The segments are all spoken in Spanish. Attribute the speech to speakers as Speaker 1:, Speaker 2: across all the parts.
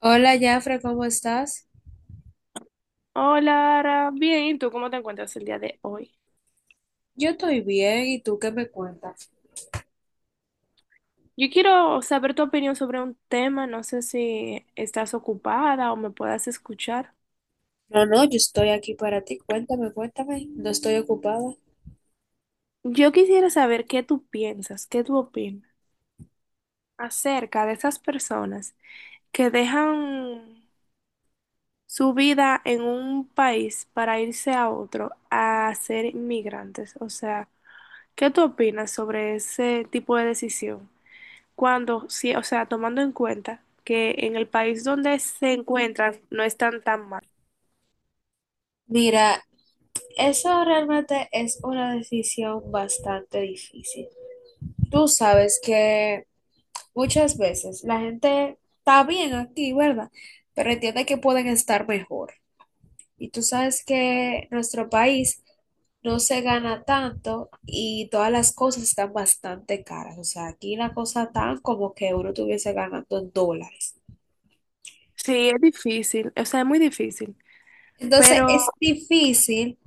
Speaker 1: Hola, Jafre, ¿cómo estás?
Speaker 2: Hola, Ara. Bien, ¿y tú cómo te encuentras el día de hoy?
Speaker 1: Yo estoy bien, ¿y tú qué me cuentas?
Speaker 2: Yo quiero saber tu opinión sobre un tema, no sé si estás ocupada o me puedas escuchar.
Speaker 1: No, no, yo estoy aquí para ti. Cuéntame, cuéntame. No estoy ocupada.
Speaker 2: Yo quisiera saber qué tú piensas, qué tú opinas acerca de esas personas que dejan su vida en un país para irse a otro a ser inmigrantes. O sea, ¿qué tú opinas sobre ese tipo de decisión cuando, sí, o sea, tomando en cuenta que en el país donde se encuentran no están tan mal?
Speaker 1: Mira, eso realmente es una decisión bastante difícil. Tú sabes que muchas veces la gente está bien aquí, ¿verdad? Pero entiende que pueden estar mejor. Y tú sabes que nuestro país no se gana tanto y todas las cosas están bastante caras. O sea, aquí la cosa tan como que uno estuviese ganando en dólares.
Speaker 2: Sí, es difícil, o sea, es muy difícil,
Speaker 1: Entonces
Speaker 2: pero
Speaker 1: es difícil,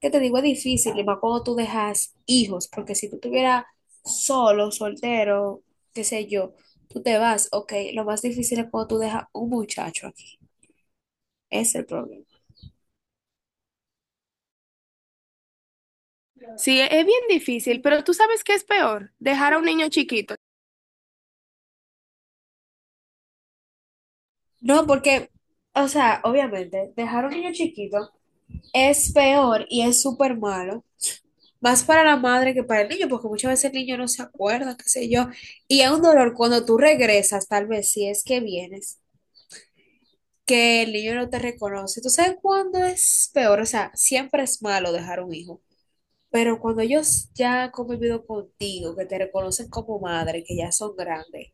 Speaker 1: que te digo, es difícil, y más cuando tú dejas hijos, porque si tú estuvieras solo, soltero, qué sé yo, tú te vas, ok, lo más difícil es cuando tú dejas un muchacho aquí. Ese es el problema.
Speaker 2: sí, es bien difícil. Pero tú sabes qué es peor: dejar a un niño chiquito.
Speaker 1: No, porque, o sea, obviamente, dejar un niño chiquito es peor y es súper malo. Más para la madre que para el niño, porque muchas veces el niño no se acuerda, qué sé yo. Y es un dolor cuando tú regresas, tal vez si es que vienes, que el niño no te reconoce. ¿Tú sabes cuándo es peor? O sea, siempre es malo dejar un hijo. Pero cuando ellos ya han convivido contigo, que te reconocen como madre, que ya son grandes,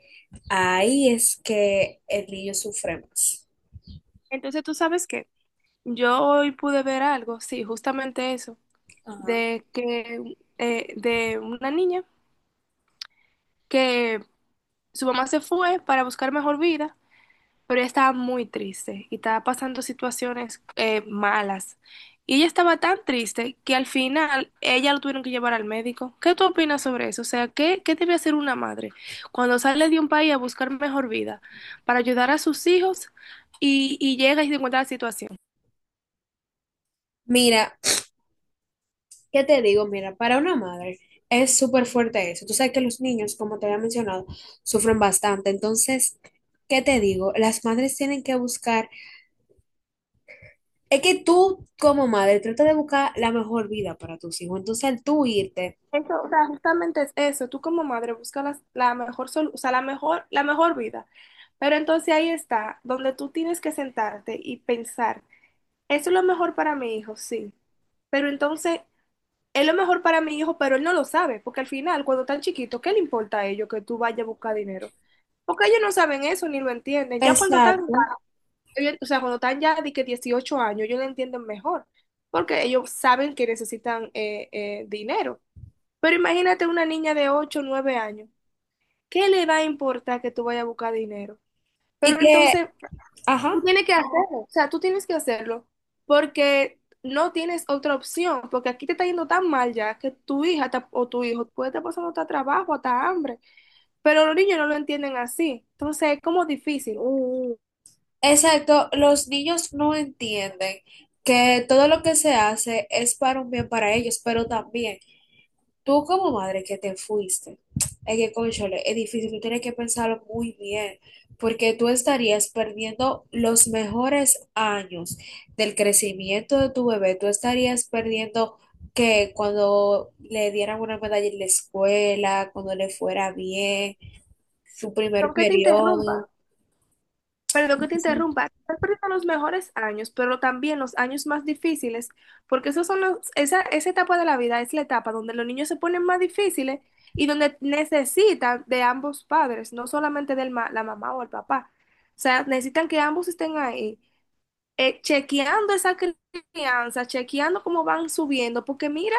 Speaker 1: ahí es que el niño sufre más.
Speaker 2: Entonces, tú sabes qué, yo hoy pude ver algo, sí, justamente eso,
Speaker 1: Ajá.
Speaker 2: de que, de una niña que su mamá se fue para buscar mejor vida, pero ella estaba muy triste y estaba pasando situaciones malas. Y ella estaba tan triste que al final ella lo tuvieron que llevar al médico. ¿Qué tú opinas sobre eso? O sea, ¿qué debe hacer una madre cuando sale de un país a buscar mejor vida para ayudar a sus hijos y llega y se encuentra la situación?
Speaker 1: Mira, ¿qué te digo? Mira, para una madre es súper fuerte eso. Tú sabes que los niños, como te había mencionado, sufren bastante. Entonces, ¿qué te digo? Las madres tienen que buscar, es que tú como madre trata de buscar la mejor vida para tus hijos. Entonces, al tú irte,
Speaker 2: Eso, o sea, justamente es eso. Tú como madre buscas mejor o sea, la mejor, vida. Pero entonces ahí está, donde tú tienes que sentarte y pensar. Eso es lo mejor para mi hijo, sí. Pero entonces, es lo mejor para mi hijo, pero él no lo sabe, porque al final, cuando están chiquitos, ¿qué le importa a ellos que tú vayas a buscar dinero? Porque ellos no saben eso ni lo entienden. Ya cuando están,
Speaker 1: exacto.
Speaker 2: o sea, cuando están ya de que 18 años, ellos lo entienden mejor, porque ellos saben que necesitan dinero. Pero imagínate una niña de ocho o 9 años, ¿qué le va a importar que tú vayas a buscar dinero?
Speaker 1: Y
Speaker 2: Pero
Speaker 1: que,
Speaker 2: entonces, tú
Speaker 1: ajá,
Speaker 2: tienes que hacerlo, o sea, tú tienes que hacerlo porque no tienes otra opción, porque aquí te está yendo tan mal ya que o tu hijo puede estar pasando hasta trabajo, hasta hambre, pero los niños no lo entienden así, entonces es como difícil. Mm.
Speaker 1: exacto, los niños no entienden que todo lo que se hace es para un bien para ellos, pero también tú como madre que te fuiste, es que, cónchale, es difícil, tú tienes que pensarlo muy bien, porque tú estarías perdiendo los mejores años del crecimiento de tu bebé, tú estarías perdiendo que cuando le dieran una medalla en la escuela, cuando le fuera bien, su primer
Speaker 2: Aunque te
Speaker 1: periodo.
Speaker 2: interrumpa. Perdón que te interrumpa, estás perdiendo los mejores años, pero también los años más difíciles, porque esos son los, esa etapa de la vida es la etapa donde los niños se ponen más difíciles y donde necesitan de ambos padres, no solamente de la mamá o el papá. O sea, necesitan que ambos estén ahí, chequeando esa crianza, chequeando cómo van subiendo, porque mira,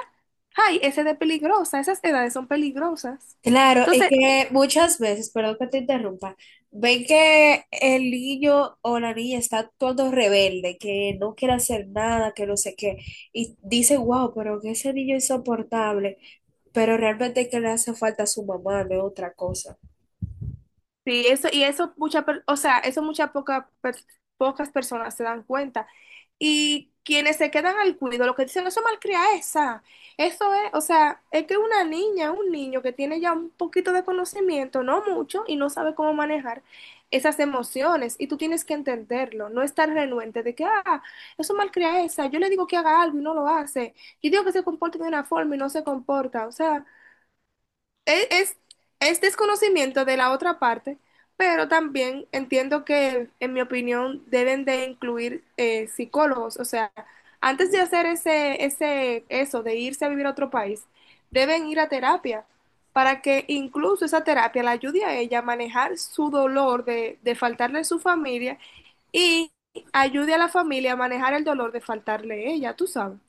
Speaker 2: ay, esa edad es peligrosa, esas edades son peligrosas.
Speaker 1: Claro, es
Speaker 2: Entonces,
Speaker 1: que muchas veces, perdón que te interrumpa, ven que el niño o la niña está todo rebelde, que no quiere hacer nada, que no sé qué, y dice wow, pero que ese niño es insoportable, pero realmente que le hace falta a su mamá, no es otra cosa.
Speaker 2: sí, eso, y o sea, eso muchas poca per- pocas personas se dan cuenta. Y quienes se quedan al cuido, lo que dicen, eso malcria esa. Eso es, o sea, es que una niña, un niño que tiene ya un poquito de conocimiento, no mucho, y no sabe cómo manejar esas emociones. Y tú tienes que entenderlo, no estar renuente de que, ah, eso malcria esa. Yo le digo que haga algo y no lo hace. Yo digo que se comporte de una forma y no se comporta. O sea. Es, es, es desconocimiento de la otra parte, pero también entiendo que, en mi opinión, deben de incluir psicólogos. O sea, antes de hacer eso, de irse a vivir a otro país, deben ir a terapia para que incluso esa terapia la ayude a ella a manejar su dolor de faltarle a su familia y ayude a la familia a manejar el dolor de faltarle a ella, tú sabes.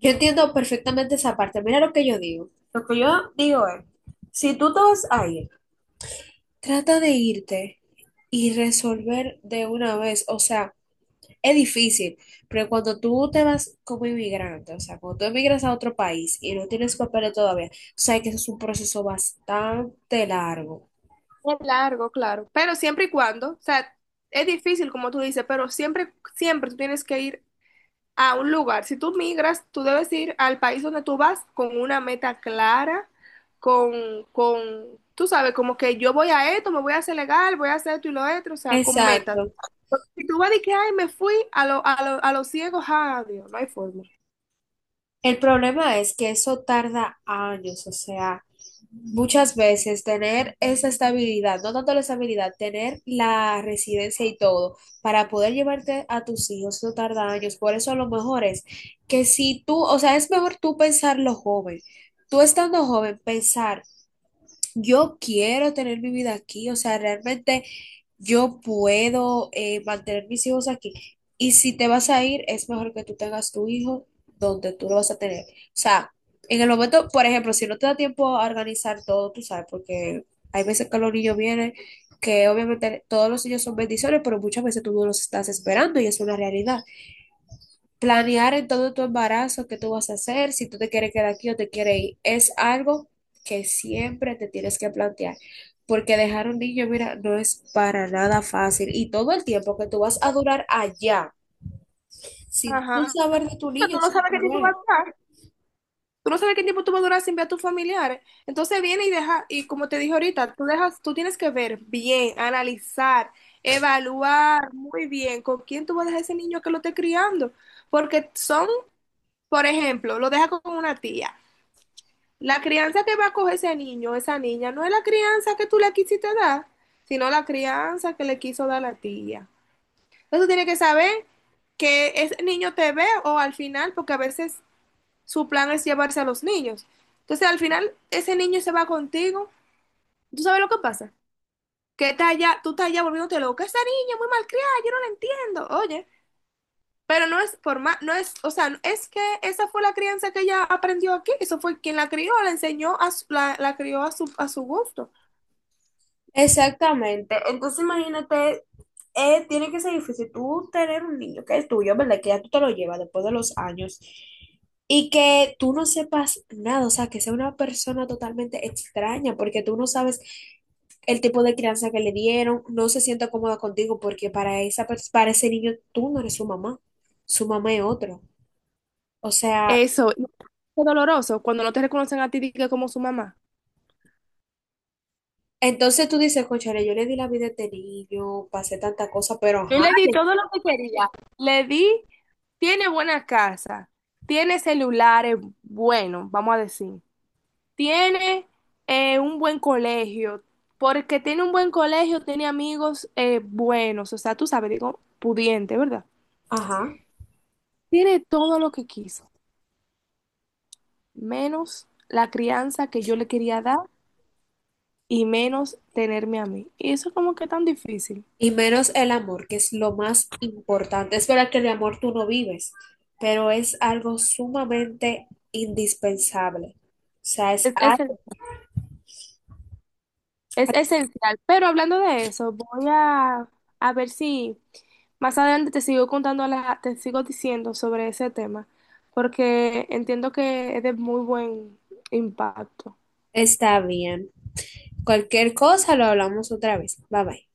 Speaker 1: Yo entiendo perfectamente esa parte, mira lo que yo digo. Lo que yo digo es, si tú te vas a ir, trata de irte y resolver de una vez, o sea, es difícil, pero cuando tú te vas como inmigrante, o sea, cuando tú emigras a otro país y no tienes papeles todavía, sabes que eso es un proceso bastante largo.
Speaker 2: Es largo, claro, pero siempre y cuando, o sea, es difícil como tú dices, pero siempre tú tienes que ir a un lugar. Si tú migras, tú debes ir al país donde tú vas con una meta clara, con, con, tú sabes, como que yo voy a esto, me voy a hacer legal, voy a hacer esto y lo otro, o sea, con metas.
Speaker 1: Exacto.
Speaker 2: Porque si tú vas de que, ay, me fui a los ciegos, ¡adiós! No hay forma.
Speaker 1: El problema es que eso tarda años, o sea, muchas veces tener esa estabilidad, no tanto la estabilidad, tener la residencia y todo para poder llevarte a tus hijos, eso tarda años. Por eso a lo mejor es que si tú, o sea, es mejor tú pensarlo joven. Tú estando joven, pensar yo quiero tener mi vida aquí, o sea, realmente yo puedo mantener mis hijos aquí. Y si te vas a ir, es mejor que tú tengas tu hijo donde tú lo vas a tener. O sea, en el momento, por ejemplo, si no te da tiempo a organizar todo, tú sabes, porque hay veces que los niños vienen, que obviamente todos los niños son bendiciones, pero muchas veces tú no los estás esperando y es una realidad. Planear en todo tu embarazo qué tú vas a hacer, si tú te quieres quedar aquí o te quieres ir, es algo que siempre te tienes que plantear, porque dejar un niño, mira, no es para nada fácil y todo el tiempo que tú vas a durar allá, sin tú
Speaker 2: Ajá.
Speaker 1: saber de tu
Speaker 2: Pero
Speaker 1: niño,
Speaker 2: tú no
Speaker 1: sin
Speaker 2: sabes qué
Speaker 1: tú
Speaker 2: tipo vas
Speaker 1: ver.
Speaker 2: a estar. Tú no sabes qué tiempo tú vas a durar sin ver a tus familiares. Entonces viene y deja, y como te dije ahorita, tú dejas, tú tienes que ver bien, analizar, evaluar muy bien con quién tú vas a dejar ese niño que lo esté criando. Porque son, por ejemplo, lo deja con una tía. La crianza que va a coger ese niño, esa niña, no es la crianza que tú le quisiste dar, sino la crianza que le quiso dar la tía. Entonces tú tienes que saber que ese niño te ve o al final, porque a veces su plan es llevarse a los niños. Entonces, al final, ese niño se va contigo. ¿Tú sabes lo que pasa? Que está allá, tú estás allá volviéndote loca. Esa niña muy malcriada, yo no la entiendo. Oye, pero no es por más, no es, o sea, es que esa fue la crianza que ella aprendió aquí. Eso fue quien la crió, la enseñó, la crió a su gusto.
Speaker 1: Exactamente. Entonces imagínate, tiene que ser difícil tú tener un niño que es tuyo, ¿verdad? Que ya tú te lo llevas después de los años y que tú no sepas nada, o sea, que sea una persona totalmente extraña porque tú no sabes el tipo de crianza que le dieron, no se sienta cómoda contigo porque para esa, para ese niño tú no eres su mamá es otro. O sea,
Speaker 2: Eso, y es doloroso cuando no te reconocen a ti di que como su mamá.
Speaker 1: entonces tú dices, cónchale, yo le di la vida a este niño, pasé tanta cosa, pero
Speaker 2: Yo
Speaker 1: ajá,
Speaker 2: le di
Speaker 1: le-
Speaker 2: todo lo que quería. Le di, tiene buena casa, tiene celulares buenos, vamos a decir. Tiene un buen colegio. Porque tiene un buen colegio, tiene amigos buenos. O sea, tú sabes, digo, pudiente, ¿verdad?
Speaker 1: ajá.
Speaker 2: Tiene todo lo que quiso, menos la crianza que yo le quería dar y menos tenerme a mí. Y eso como que tan difícil.
Speaker 1: Y menos el amor, que es lo más importante. Es verdad que el amor tú no vives, pero es algo sumamente indispensable. O sea, es
Speaker 2: Es, es,
Speaker 1: algo-
Speaker 2: es esencial. Pero hablando de eso, voy a ver si más adelante te sigo contando, te sigo diciendo sobre ese tema, porque entiendo que es de muy buen impacto.
Speaker 1: está bien. Cualquier cosa lo hablamos otra vez. Bye bye.